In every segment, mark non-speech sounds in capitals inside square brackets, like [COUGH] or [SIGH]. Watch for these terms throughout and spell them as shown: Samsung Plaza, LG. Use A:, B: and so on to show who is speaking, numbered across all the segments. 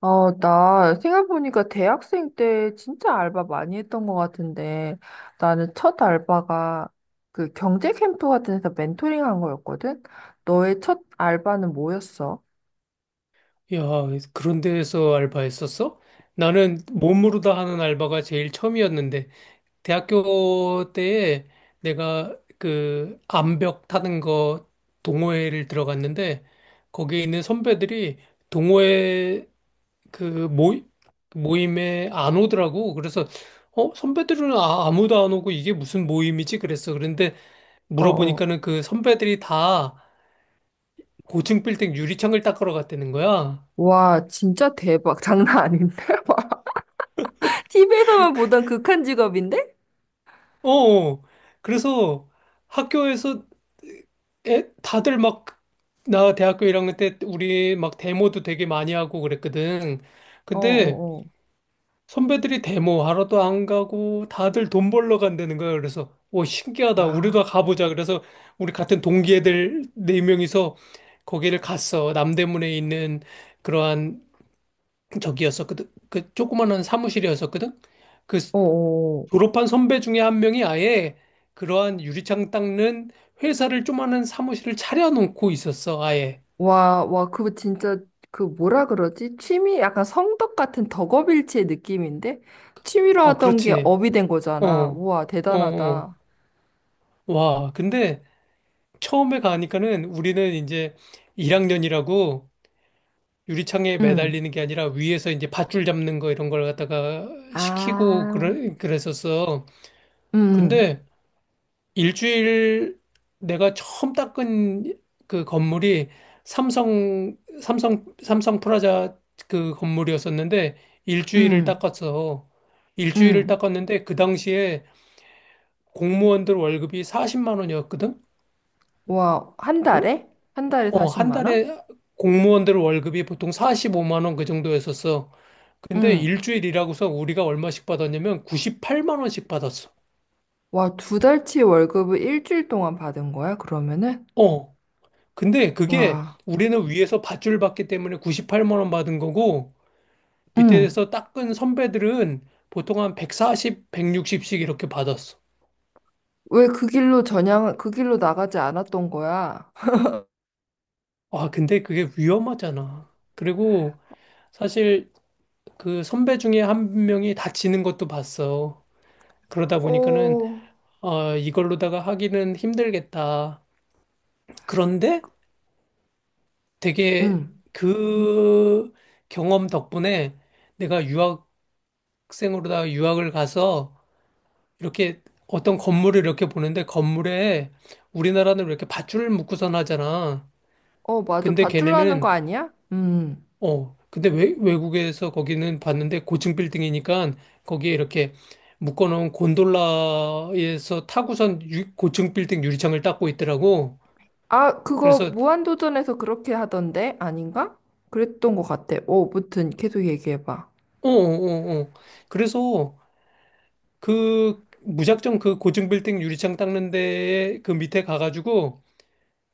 A: 나 생각해보니까 대학생 때 진짜 알바 많이 했던 것 같은데 나는 첫 알바가 그 경제 캠프 같은 데서 멘토링 한 거였거든? 너의 첫 알바는 뭐였어?
B: 야, 그런 데서 알바했었어? 나는 몸으로 다 하는 알바가 제일 처음이었는데, 대학교 때에 내가 그 암벽 타는 거 동호회를 들어갔는데, 거기에 있는 선배들이 동호회 그 그 모임에 안 오더라고. 그래서, 선배들은 아무도 안 오고 이게 무슨 모임이지? 그랬어. 그런데
A: 어어.
B: 물어보니까는 그 선배들이 다 고층 빌딩 유리창을 닦으러 갔다는 거야.
A: 와, 진짜 대박. [LAUGHS] 장난 아닌데? [LAUGHS] 와, TV에서만 보던 극한 직업인데?
B: 어, 어. 그래서 학교에서 다들 막, 나 대학교 1학년 때 우리 막 데모도 되게 많이 하고 그랬거든. 근데
A: 어어어.
B: 선배들이 데모 하러도 안 가고 다들 돈 벌러 간다는 거야. 그래서, 오, 신기하다.
A: 아,
B: 우리도 가보자. 그래서 우리 같은 동기 애들 네명이서 거기를 갔어. 남대문에 있는 그러한 저기였었거든. 그 조그만한 사무실이었었거든. 그
A: 어어.
B: 졸업한 선배 중에 한 명이 아예 그러한 유리창 닦는 회사를 조그마한 사무실을 차려놓고 있었어, 아예.
A: 와, 와, 그거 진짜, 그 뭐라 그러지? 취미, 약간 성덕 같은 덕업일치의 느낌인데? 취미로
B: 아,
A: 하던 게
B: 그렇지.
A: 업이 된
B: 어,
A: 거잖아.
B: 어,
A: 우와,
B: 어.
A: 대단하다.
B: 와, 근데 처음에 가니까는 우리는 이제 1학년이라고 유리창에
A: 응.
B: 매달리는 게 아니라 위에서 이제 밧줄 잡는 거 이런 걸 갖다가 시키고
A: 아.
B: 그랬었어.
A: 응,
B: 근데 일주일 내가 처음 닦은 그 건물이 삼성 프라자 그 건물이었었는데 일주일을
A: 응,
B: 닦았어. 일주일을
A: 응.
B: 닦았는데 그 당시에 공무원들 월급이 40만 원이었거든?
A: 와, 한
B: 그,
A: 달에? 한 달에
B: 한
A: 40만 원?
B: 달에 공무원들 월급이 보통 45만 원 그 정도였었어. 근데
A: 응.
B: 일주일이라고서 우리가 얼마씩 받았냐면 98만 원씩 받았어.
A: 와, 두 달치 월급을 일주일 동안 받은 거야, 그러면은?
B: 어. 근데 그게
A: 와,
B: 우리는 위에서 밧줄 받기 때문에 98만 원 받은 거고
A: 응.
B: 밑에서 닦은 선배들은 보통 한 140, 160씩 이렇게 받았어.
A: 왜 그 길로 전향, 그 길로 나가지 않았던 거야?
B: 아, 근데 그게 위험하잖아. 그리고 사실 그 선배 중에 한 명이 다치는 것도 봤어. 그러다
A: [LAUGHS]
B: 보니까는
A: 어,
B: 이걸로다가 하기는 힘들겠다. 그런데 되게
A: 응.
B: 그 경험 덕분에 내가 유학생으로다가 유학을 가서 이렇게 어떤 건물을 이렇게 보는데 건물에 우리나라는 이렇게 밧줄을 묶고선 하잖아.
A: 어, 맞아.
B: 근데
A: 밧줄로 하는 거
B: 걔네는
A: 아니야? 음.
B: 외국에서 거기는 봤는데 고층 빌딩이니까 거기에 이렇게 묶어놓은 곤돌라에서 타고선 고층 빌딩 유리창을 닦고 있더라고.
A: 아, 그거
B: 그래서
A: 무한도전에서 그렇게 하던데? 아닌가? 그랬던 것 같아. 어, 무튼 계속 얘기해봐.
B: 어어어 그래서 그 무작정 그 고층 빌딩 유리창 닦는 데에 그 밑에 가가지고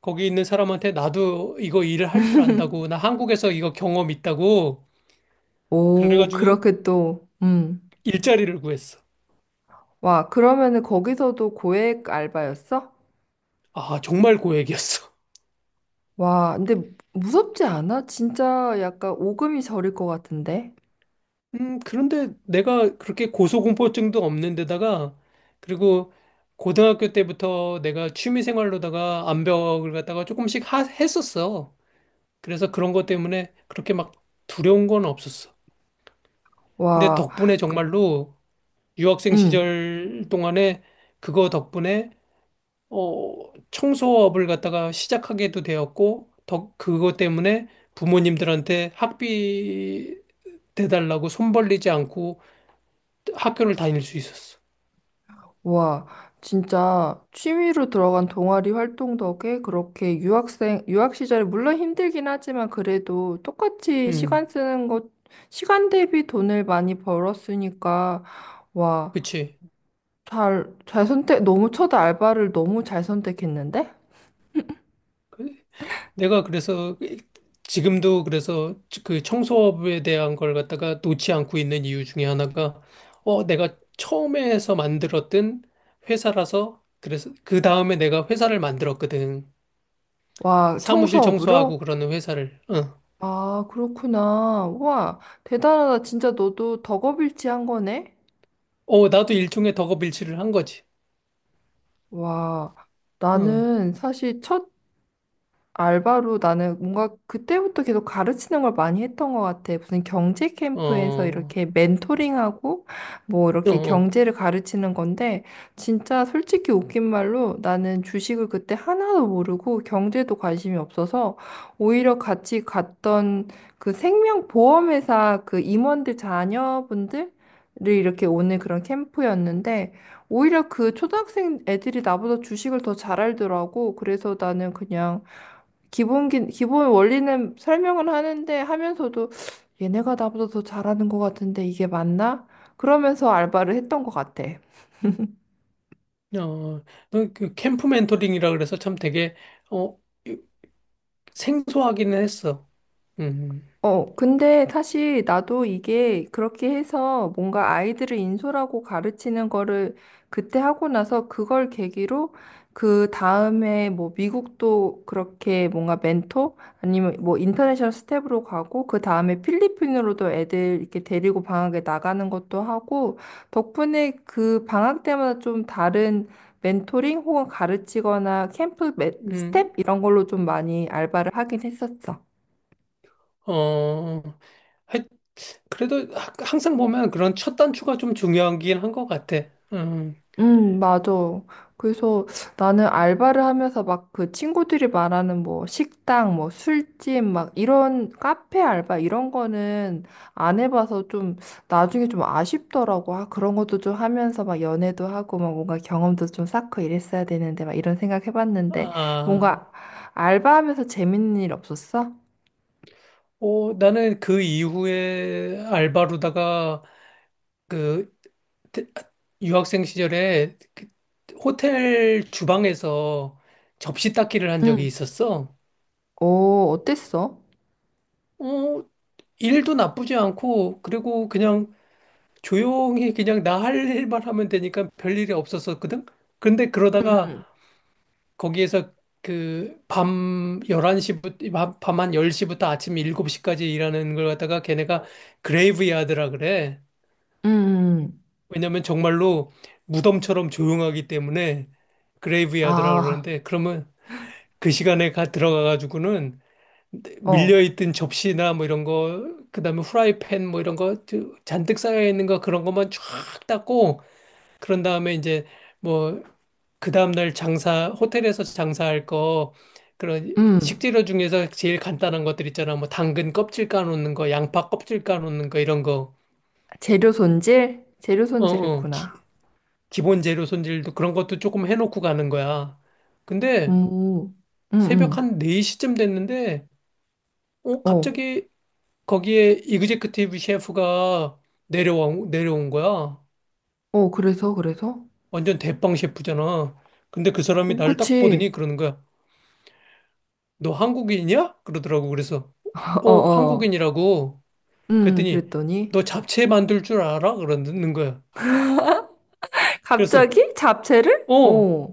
B: 거기 있는 사람한테 나도 이거 일을 할 줄 안다고, 나 한국에서 이거 경험 있다고,
A: 오,
B: 그래가지고
A: 그렇게 또,
B: 일자리를 구했어.
A: 와, 그러면은 거기서도 고액 알바였어?
B: 아, 정말 고액이었어.
A: 와, 근데 무섭지 않아? 진짜 약간 오금이 저릴 것 같은데?
B: [LAUGHS] 그런데 내가 그렇게 고소공포증도 없는 데다가, 그리고 고등학교 때부터 내가 취미생활로다가 암벽을 갖다가 조금씩 했었어. 그래서 그런 것 때문에 그렇게 막 두려운 건 없었어. 근데
A: 와,
B: 덕분에 정말로 유학생
A: 음.
B: 시절 동안에 그거 덕분에 청소업을 갖다가 시작하게도 되었고, 더 그것 때문에 부모님들한테 학비 대달라고 손 벌리지 않고 학교를 다닐 수 있었어.
A: 와, 진짜 취미로 들어간 동아리 활동 덕에 그렇게 유학생, 유학 시절에 물론 힘들긴 하지만 그래도 똑같이
B: 음,
A: 시간 쓰는 것, 시간 대비 돈을 많이 벌었으니까, 와,
B: 그치.
A: 잘, 잘 선택, 너무 첫 알바를 너무 잘 선택했는데?
B: 그- 내가 그래서 지금도 그래서 그 청소업에 대한 걸 갖다가 놓지 않고 있는 이유 중에 하나가, 내가 처음에 해서 만들었던 회사라서, 그래서 그 다음에 내가 회사를 만들었거든.
A: 와,
B: 사무실
A: 청소업으로?
B: 청소하고 그러는 회사를. 어.
A: 아, 그렇구나. 와, 대단하다. 진짜 너도 덕업일치 한 거네?
B: 어, 나도 일종의 덕업일치를 한 거지.
A: 와,
B: 어,
A: 나는 사실 첫 알바로 나는 뭔가 그때부터 계속 가르치는 걸 많이 했던 것 같아. 무슨 경제
B: 어,
A: 캠프에서
B: 어,
A: 이렇게 멘토링하고 뭐 이렇게
B: 어.
A: 경제를 가르치는 건데 진짜 솔직히 웃긴 말로 나는 주식을 그때 하나도 모르고 경제도 관심이 없어서 오히려 같이 갔던 그 생명보험회사 그 임원들 자녀분들 를 이렇게 오는 그런 캠프였는데 오히려 그 초등학생 애들이 나보다 주식을 더 잘 알더라고. 그래서 나는 그냥 기본 원리는 설명은 하는데 하면서도 얘네가 나보다 더 잘하는 것 같은데 이게 맞나? 그러면서 알바를 했던 것 같아.
B: 어, 그 캠프 멘토링이라 그래서 참 되게, 어, 생소하기는 했어. 음,
A: 어, 근데 사실 나도 이게 그렇게 해서 뭔가 아이들을 인솔하고 가르치는 거를 그때 하고 나서 그걸 계기로 그 다음에 뭐 미국도 그렇게 뭔가 멘토 아니면 뭐 인터내셔널 스텝으로 가고 그 다음에 필리핀으로도 애들 이렇게 데리고 방학에 나가는 것도 하고 덕분에 그 방학 때마다 좀 다른 멘토링 혹은 가르치거나 캠프 매-
B: 음,
A: 스텝 이런 걸로 좀 많이 알바를 하긴 했었어.
B: 어, 하여- 그래도 항상 보면 그런 첫 단추가 좀 중요하긴 한 것 같아. 음,
A: 맞아. 그래서 나는 알바를 하면서 막 그 친구들이 말하는 뭐 식당, 뭐 술집, 막 이런 카페 알바 이런 거는 안 해봐서 좀 나중에 좀 아쉽더라고. 아, 그런 것도 좀 하면서 막 연애도 하고 막 뭔가 경험도 좀 쌓고 이랬어야 되는데 막 이런 생각 해봤는데
B: 아,
A: 뭔가 알바하면서 재밌는 일 없었어?
B: 나는 그 이후에 알바로다가 그 대- 유학생 시절에 그 호텔 주방에서 접시 닦기를 한 적이
A: 응,
B: 있었어.
A: 오, 어땠어?
B: 어, 일도 나쁘지 않고, 그리고 그냥 조용히 그냥 나 할 일만 하면 되니까 별일이 없었었거든? 근데 그러다가
A: 응,
B: 거기에서 그 밤한 10시부터 아침 7시까지 일하는 걸 갖다가 걔네가 그레이브야드라 그래.
A: 응. 응.
B: 왜냐면 정말로 무덤처럼 조용하기 때문에 그레이브야드라
A: 아,
B: 그러는데 그러면 그 시간에 가 들어가 가지고는
A: 어,
B: 밀려있던 접시나 뭐 이런 거, 그다음에 후라이팬 뭐 이런 거 잔뜩 쌓여 있는 거 그런 것만 쫙 닦고 그런 다음에 이제 뭐 그다음 날 장사 호텔에서 장사할 거 그런
A: 음.
B: 식재료 중에서 제일 간단한 것들 있잖아. 뭐 당근 껍질 까놓는 거, 양파 껍질 까놓는 거 이런 거.
A: 재료 손질? 재료
B: 어, 어. 기,
A: 손질했구나.
B: 기본 재료 손질도 그런 것도 조금 해놓고 가는 거야. 근데
A: 음, 음,
B: 새벽
A: 음.
B: 한 4시쯤 됐는데
A: 어,
B: 갑자기 거기에 이그제큐티브 셰프가 내려온 거야.
A: 어, 그래서, 그래서?
B: 완전 대빵 셰프잖아. 근데 그 사람이
A: 어,
B: 나를 딱
A: 그치.
B: 보더니 그러는 거야. 너 한국인이야? 그러더라고. 그래서,
A: [LAUGHS] 어, 어.
B: 한국인이라고. 그랬더니,
A: 그랬더니.
B: 너 잡채 만들 줄 알아? 그러는 거야.
A: [LAUGHS]
B: 그래서,
A: 갑자기? 잡채를?
B: 어,
A: 어,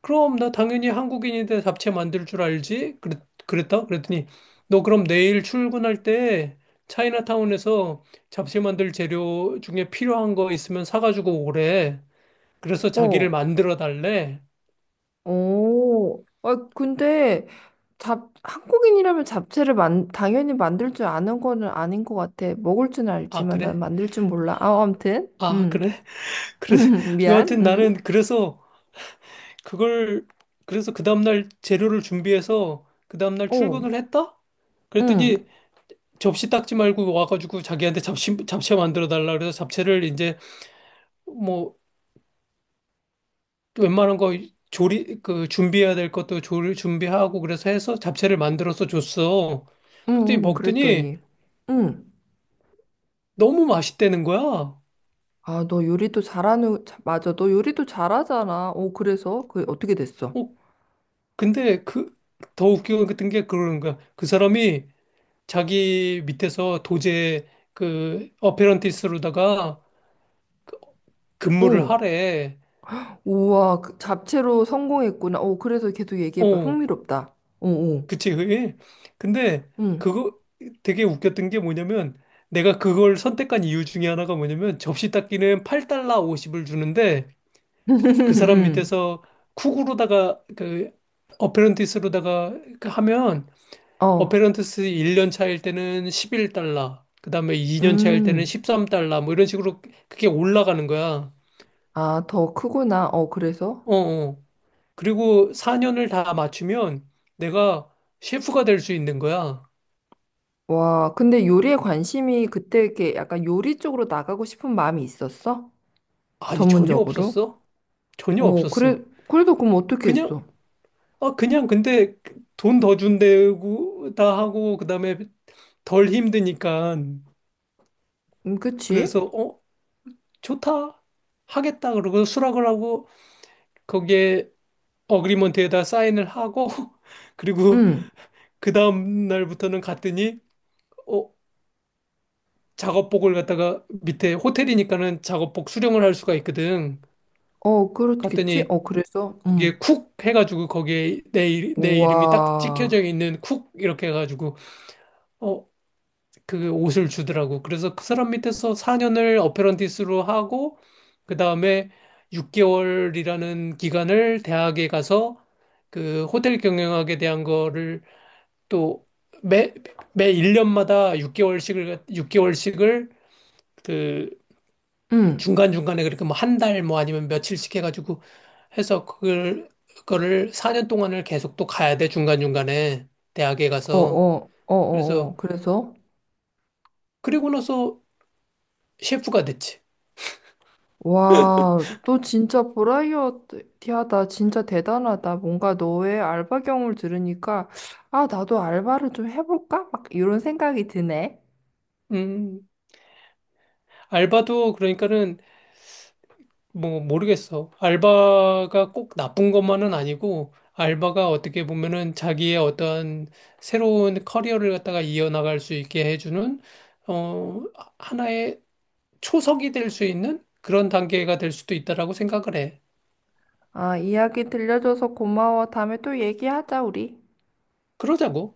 B: 그럼 나 당연히 한국인인데 잡채 만들 줄 알지? 그랬다? 그랬더니, 너 그럼 내일 출근할 때 차이나타운에서 잡채 만들 재료 중에 필요한 거 있으면 사가지고 오래. 그래서 자기를
A: 어,
B: 만들어 달래.
A: 어. 아, 근데, 잡, 한국인이라면 잡채를 만, 당연히 만들 줄 아는 거는 아닌 것 같아. 먹을 줄
B: 아,
A: 알지만 난
B: 그래?
A: 만들 줄 몰라. 아, 아무튼.
B: 아, 그래? [LAUGHS] 그래.
A: [LAUGHS] 미안.
B: 여하튼 나는 그래서 그걸, 그래서 그 다음날 재료를 준비해서 그 다음날
A: 어,
B: 출근을 했다?
A: 음,
B: 그랬더니 접시 닦지 말고 와가지고 자기한테 잡채 만들어 달라. 그래서 잡채를 이제 뭐 웬만한 거 그 준비해야 될 것도 조리 준비하고 그래서 해서 잡채를 만들어서 줬어. 그랬더니 먹더니
A: 그랬더니. 음.
B: 너무 맛있다는 거야.
A: 아, 너 요리도 잘하는, 자- 맞아. 너 요리도 잘하잖아. 오, 그래서? 그, 어떻게 됐어?
B: 어, 근데 그 더 웃기고 같은 게 그러는 거야. 그 사람이 자기 밑에서 도제 그 어페런티스로다가 근무를
A: 오,
B: 하래.
A: 우와, 그 잡채로 성공했구나. 오, 그래서 계속 얘기해봐.
B: 어,
A: 흥미롭다. 오, 오,
B: 그치 [LAUGHS] 그게. 근데
A: 응,
B: 그거 되게 웃겼던 게 뭐냐면 내가 그걸 선택한 이유 중에 하나가 뭐냐면 접시 닦기는 8달러 50을 주는데
A: [LAUGHS]
B: 그 사람
A: 응,
B: 밑에서 쿡으로다가 그 어페런티스로다가 그 하면
A: 어,
B: 어페런트스 1년 차일 때는 11달러, 그 다음에 2년 차일 때는
A: 음.
B: 13달러, 뭐 이런 식으로 그게 올라가는 거야.
A: 아, 더 크구나. 어, 그래서?
B: 어, 어. 그리고 4년을 다 맞추면 내가 셰프가 될 수 있는 거야.
A: 와, 근데 요리에 관심이 그때 이렇게 약간 요리 쪽으로 나가고 싶은 마음이 있었어?
B: 아니, 전혀
A: 전문적으로?
B: 없었어? 전혀
A: 어, 그래,
B: 없었어.
A: 그래도 그럼 어떻게 했어?
B: 그냥, 그냥 근데 돈 더 준대고, 다 하고, 그 다음에 덜 힘드니까.
A: 그치?
B: 그래서, 좋다. 하겠다. 그러고 수락을 하고, 거기에 어그리먼트에다 사인을 하고 [LAUGHS] 그리고
A: 응,
B: 그 다음 날부터는 갔더니 어 작업복을 갖다가 밑에 호텔이니까는 작업복 수령을 할 수가 있거든.
A: 어, 그렇겠지?
B: 갔더니
A: 어, 그래서? 응.
B: 거기에 쿡 해가지고 거기에 내 이름이 딱 찍혀져
A: 우와.
B: 있는 쿡 이렇게 해가지고 어 그 옷을 주더라고. 그래서 그 사람 밑에서 4년을 어페런티스로 하고 그 다음에 6개월이라는 기간을 대학에 가서 그 호텔 경영학에 대한 거를 또 매, 매 1년마다 육 개월씩을 그
A: 응.
B: 중간중간에 그렇게 뭐 한 달 뭐 아니면 며칠씩 해가지고 해서 그거를 4년 동안을 계속 또 가야 돼. 중간중간에 대학에
A: 어,
B: 가서.
A: 어, 어, 어, 어.
B: 그래서
A: 그래서?
B: 그리고 나서 셰프가 됐지.
A: 와, 너 진짜 버라이어티하다. 진짜 대단하다. 뭔가 너의 알바 경험을 들으니까, 아, 나도 알바를 좀 해볼까? 막 이런 생각이 드네.
B: 음, 알바도 그러니까는 뭐 모르겠어. 알바가 꼭 나쁜 것만은 아니고 알바가 어떻게 보면은 자기의 어떤 새로운 커리어를 갖다가 이어나갈 수 있게 해주는 어 하나의 초석이 될 수 있는 그런 단계가 될 수도 있다라고 생각을 해.
A: 아, 이야기 들려줘서 고마워. 다음에 또 얘기하자, 우리.
B: 그러자고.